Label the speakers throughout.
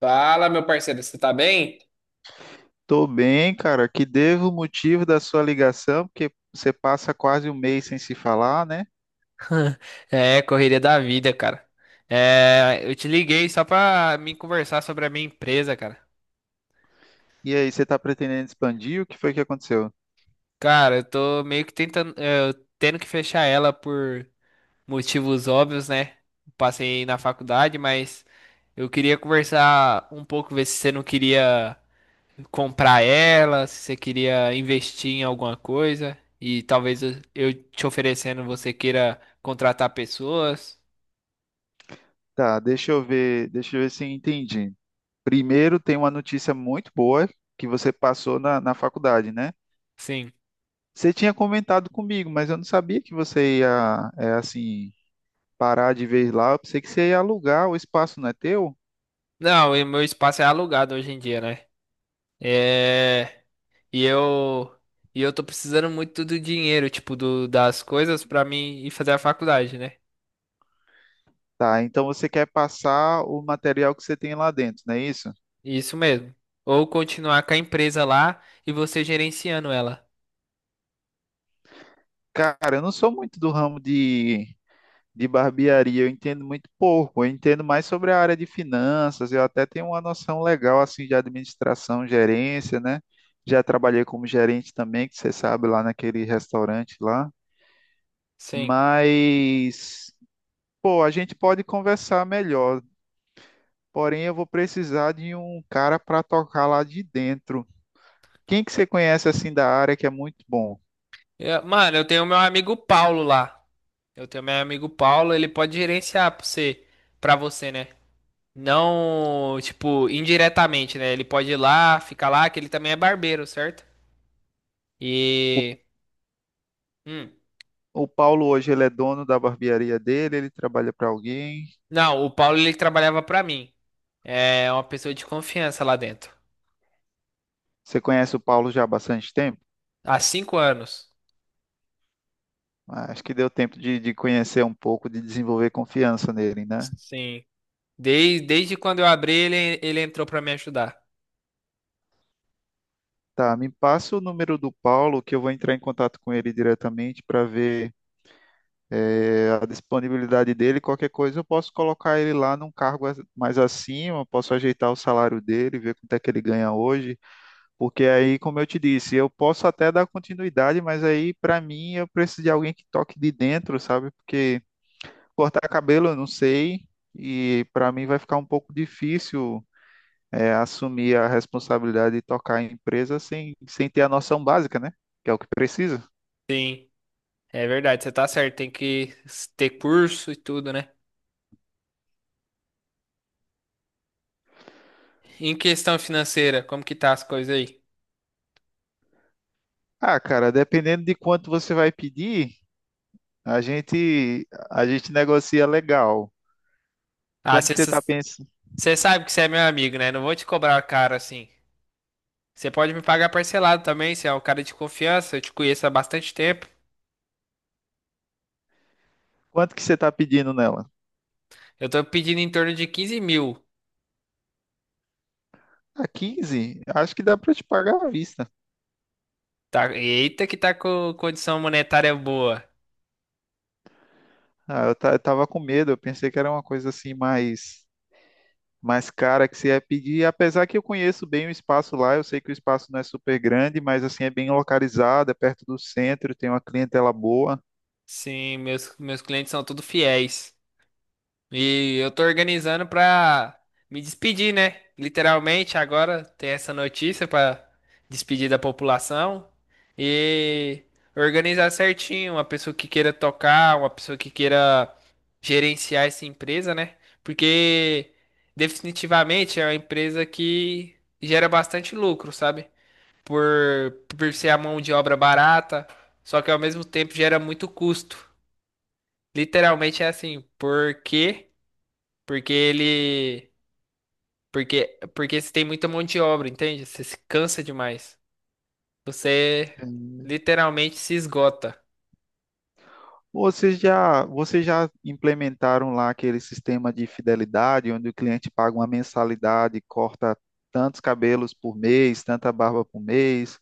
Speaker 1: Fala, meu parceiro, você tá bem?
Speaker 2: Tô bem, cara. Que devo o motivo da sua ligação, porque você passa quase um mês sem se falar, né?
Speaker 1: É, correria da vida, cara. É, eu te liguei só pra me conversar sobre a minha empresa, cara.
Speaker 2: E aí, você tá pretendendo expandir? O que foi que aconteceu?
Speaker 1: Cara, eu tô meio que tentando, eu tendo que fechar ela por motivos óbvios, né? Passei na faculdade, mas eu queria conversar um pouco, ver se você não queria comprar ela, se você queria investir em alguma coisa e talvez eu te oferecendo, você queira contratar pessoas.
Speaker 2: Tá, deixa eu ver se eu entendi. Primeiro, tem uma notícia muito boa que você passou na faculdade, né?
Speaker 1: Sim.
Speaker 2: Você tinha comentado comigo, mas eu não sabia que você ia, é, assim, parar de vez lá. Eu pensei que você ia alugar, o espaço não é teu?
Speaker 1: Não, e meu espaço é alugado hoje em dia, né? É, e eu e eu tô precisando muito do dinheiro, tipo, das coisas pra mim ir fazer a faculdade, né?
Speaker 2: Tá, então você quer passar o material que você tem lá dentro, não é isso?
Speaker 1: Isso mesmo. Ou continuar com a empresa lá e você gerenciando ela.
Speaker 2: Cara, eu não sou muito do ramo de, barbearia, eu entendo muito pouco. Eu entendo mais sobre a área de finanças, eu até tenho uma noção legal assim de administração, gerência, né? Já trabalhei como gerente também, que você sabe, lá naquele restaurante lá.
Speaker 1: Sim.
Speaker 2: Mas, pô, a gente pode conversar melhor. Porém, eu vou precisar de um cara para tocar lá de dentro. Quem que você conhece assim da área que é muito bom?
Speaker 1: Mano, eu tenho meu amigo Paulo lá. Eu tenho meu amigo Paulo, ele pode gerenciar pra você, né? Não, tipo, indiretamente, né? Ele pode ir lá, ficar lá, que ele também é barbeiro, certo?
Speaker 2: O,
Speaker 1: E hum.
Speaker 2: o Paulo hoje ele é dono da barbearia dele, ele trabalha para alguém.
Speaker 1: Não, o Paulo ele trabalhava pra mim. É uma pessoa de confiança lá dentro.
Speaker 2: Você conhece o Paulo já há bastante tempo?
Speaker 1: Há 5 anos.
Speaker 2: Acho que deu tempo de conhecer um pouco, de desenvolver confiança nele, né?
Speaker 1: Sim. Desde quando eu abri, ele entrou pra me ajudar.
Speaker 2: Tá, me passa o número do Paulo que eu vou entrar em contato com ele diretamente para ver a disponibilidade dele. Qualquer coisa eu posso colocar ele lá num cargo mais acima, posso ajeitar o salário dele, ver quanto é que ele ganha hoje, porque aí, como eu te disse, eu posso até dar continuidade, mas aí para mim eu preciso de alguém que toque de dentro, sabe? Porque cortar cabelo, eu não sei, e para mim vai ficar um pouco difícil assumir a responsabilidade de tocar a empresa sem, ter a noção básica, né? Que é o que precisa.
Speaker 1: Sim, é verdade, você tá certo. Tem que ter curso e tudo, né? Em questão financeira, como que tá as coisas aí?
Speaker 2: Ah, cara, dependendo de quanto você vai pedir, a gente negocia legal.
Speaker 1: Ah,
Speaker 2: Quanto
Speaker 1: você
Speaker 2: que você tá pensando?
Speaker 1: sabe que você é meu amigo, né? Não vou te cobrar caro assim. Você pode me pagar parcelado também, você é um cara de confiança, eu te conheço há bastante tempo.
Speaker 2: Quanto que você tá pedindo nela?
Speaker 1: Eu tô pedindo em torno de 15 mil.
Speaker 2: Ah, 15, acho que dá para te pagar à vista.
Speaker 1: Tá, eita que tá com condição monetária boa.
Speaker 2: Ah, eu, eu tava com medo, eu pensei que era uma coisa assim mais cara que você ia pedir. Apesar que eu conheço bem o espaço lá, eu sei que o espaço não é super grande, mas assim é bem localizado, é perto do centro, tem uma clientela boa.
Speaker 1: Sim, meus clientes são tudo fiéis. E eu tô organizando pra me despedir, né? Literalmente, agora tem essa notícia pra despedir da população e organizar certinho, uma pessoa que queira tocar, uma pessoa que queira gerenciar essa empresa, né? Porque definitivamente é uma empresa que gera bastante lucro, sabe? Por ser a mão de obra barata, só que ao mesmo tempo gera muito custo. Literalmente é assim, por quê? Porque ele. Porque você tem muita mão de obra, entende? Você se cansa demais. Você
Speaker 2: Hum.
Speaker 1: literalmente se esgota.
Speaker 2: Vocês já implementaram lá aquele sistema de fidelidade, onde o cliente paga uma mensalidade, corta tantos cabelos por mês, tanta barba por mês?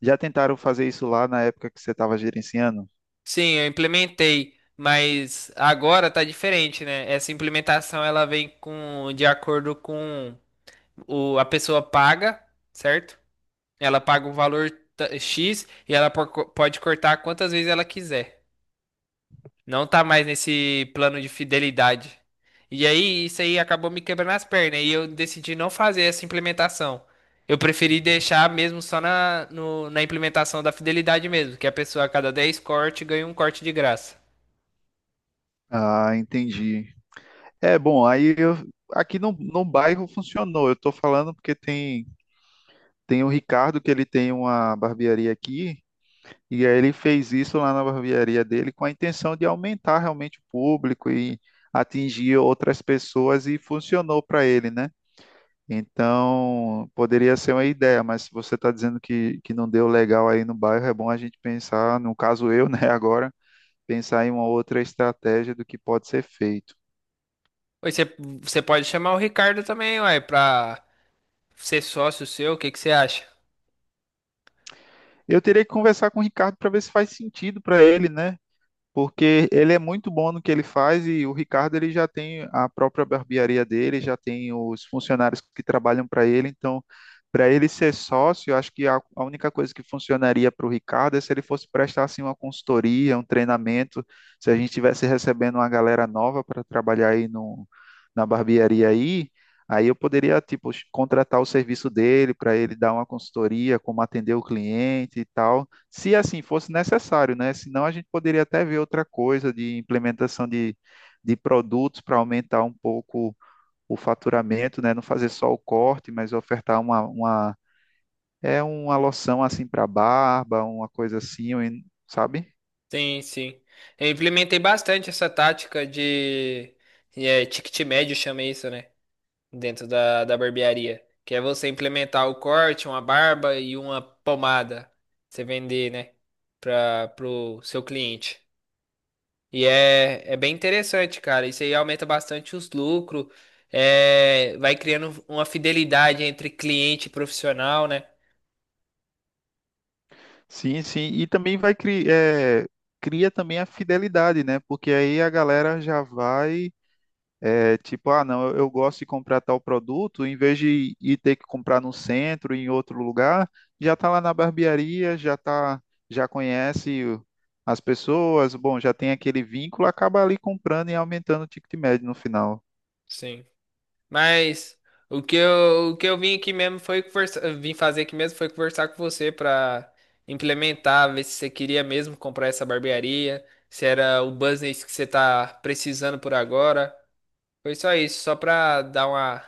Speaker 2: Já tentaram fazer isso lá na época que você estava gerenciando?
Speaker 1: Sim, eu implementei, mas agora tá diferente, né? Essa implementação ela vem com de acordo com a pessoa paga, certo? Ela paga o valor X e ela pode cortar quantas vezes ela quiser. Não tá mais nesse plano de fidelidade. E aí, isso aí acabou me quebrando as pernas e eu decidi não fazer essa implementação. Eu preferi deixar mesmo só na, no- na implementação da fidelidade mesmo, que a pessoa a cada 10 cortes ganha um corte de graça.
Speaker 2: Ah, entendi. É, bom, aqui no, bairro funcionou. Eu tô falando porque tem o Ricardo que ele tem uma barbearia aqui e aí ele fez isso lá na barbearia dele com a intenção de aumentar realmente o público e atingir outras pessoas e funcionou para ele, né? Então, poderia ser uma ideia, mas se você está dizendo que não deu legal aí no bairro, é bom a gente pensar, no caso eu, né, agora, pensar em uma outra estratégia do que pode ser feito.
Speaker 1: Oi, você você pode chamar o Ricardo também, uai, pra ser sócio seu, o que que você acha?
Speaker 2: Eu teria que conversar com o Ricardo para ver se faz sentido para ele, né? Porque ele é muito bom no que ele faz e o Ricardo ele já tem a própria barbearia dele, já tem os funcionários que trabalham para ele, então para ele ser sócio, eu acho que a, única coisa que funcionaria para o Ricardo é se ele fosse prestar assim uma consultoria, um treinamento, se a gente estivesse recebendo uma galera nova para trabalhar aí no, na barbearia aí, aí eu poderia tipo contratar o serviço dele para ele dar uma consultoria, como atender o cliente e tal se assim fosse necessário, né? Senão a gente poderia até ver outra coisa de implementação de, produtos para aumentar um pouco o faturamento, né? Não fazer só o corte, mas ofertar uma uma loção assim para barba, uma coisa assim, sabe?
Speaker 1: Sim, sim. Eu implementei bastante essa tática de ticket médio, chama isso, né? Dentro da barbearia. Que é você implementar o corte, uma barba e uma pomada. Você vender, né? Para pro seu cliente. E é bem interessante, cara. Isso aí aumenta bastante os lucros. É, vai criando uma fidelidade entre cliente e profissional, né?
Speaker 2: Sim, sim. E também vai criar, cria também a fidelidade, né? Porque aí a galera já vai. É, tipo, ah, não, eu gosto de comprar tal produto, em vez de ir ter que comprar no centro, em outro lugar, já tá lá na barbearia, já tá, já conhece as pessoas, bom, já tem aquele vínculo, acaba ali comprando e aumentando o ticket médio no final.
Speaker 1: Sim. Mas o que eu vim aqui mesmo foi vim fazer aqui mesmo foi conversar com você pra implementar, ver se você queria mesmo comprar essa barbearia, se era o business que você tá precisando por agora. Foi só isso, só pra dar uma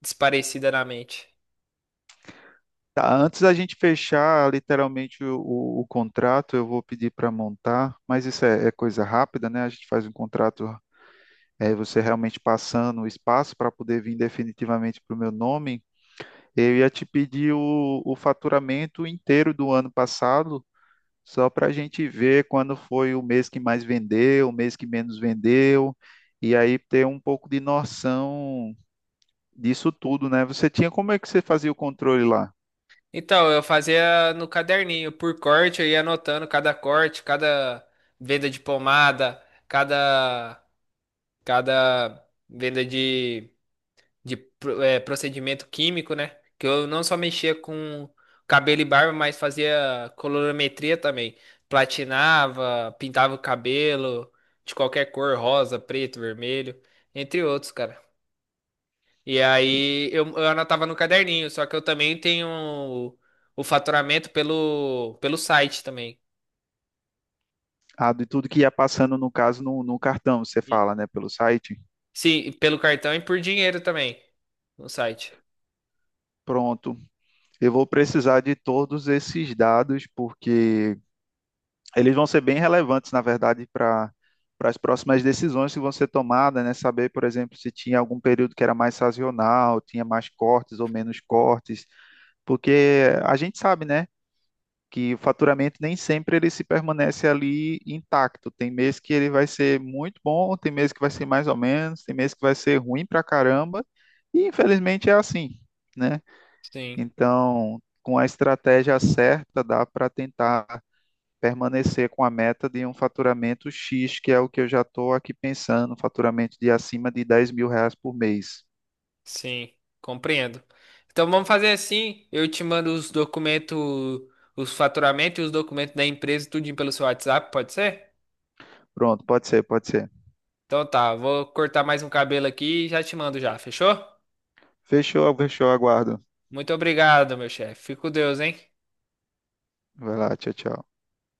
Speaker 1: desparecida na mente.
Speaker 2: Tá, antes da gente fechar literalmente o contrato, eu vou pedir para montar, mas isso é coisa rápida, né? A gente faz um contrato, você realmente passando o espaço para poder vir definitivamente para o meu nome. Eu ia te pedir o, faturamento inteiro do ano passado, só para a gente ver quando foi o mês que mais vendeu, o mês que menos vendeu, e aí ter um pouco de noção disso tudo, né? Você tinha, como é que você fazia o controle lá?
Speaker 1: Então, eu fazia no caderninho, por corte, eu ia anotando cada corte, cada venda de pomada, cada cada venda de procedimento químico, né? Que eu não só mexia com cabelo e barba, mas fazia colorimetria também. Platinava, pintava o cabelo de qualquer cor, rosa, preto, vermelho, entre outros, cara. E aí eu anotava no caderninho, só que eu também tenho o faturamento pelo, pelo site também.
Speaker 2: Ah, de tudo que ia passando, no caso, no, cartão, você
Speaker 1: E-
Speaker 2: fala, né, pelo site?
Speaker 1: sim, e pelo cartão e por dinheiro também no site.
Speaker 2: Pronto, eu vou precisar de todos esses dados, porque eles vão ser bem relevantes, na verdade, para as próximas decisões que vão ser tomadas, né? Saber, por exemplo, se tinha algum período que era mais sazonal, tinha mais cortes ou menos cortes, porque a gente sabe, né, que o faturamento nem sempre ele se permanece ali intacto. Tem mês que ele vai ser muito bom, tem mês que vai ser mais ou menos, tem mês que vai ser ruim pra caramba, e infelizmente é assim, né?
Speaker 1: Sim.
Speaker 2: Então, com a estratégia certa, dá para tentar permanecer com a meta de um faturamento X, que é o que eu já estou aqui pensando, um faturamento de acima de 10.000 reais por mês.
Speaker 1: Sim, compreendo. Então vamos fazer assim, eu te mando os documentos, os faturamentos e os documentos da empresa, tudinho pelo seu WhatsApp, pode ser?
Speaker 2: Pronto, pode ser, pode ser.
Speaker 1: Então tá, vou cortar mais um cabelo aqui e já te mando já, fechou?
Speaker 2: Fechou, fechou, aguardo.
Speaker 1: Muito obrigado, meu chefe. Fico com Deus, hein?
Speaker 2: Vai lá, tchau, tchau.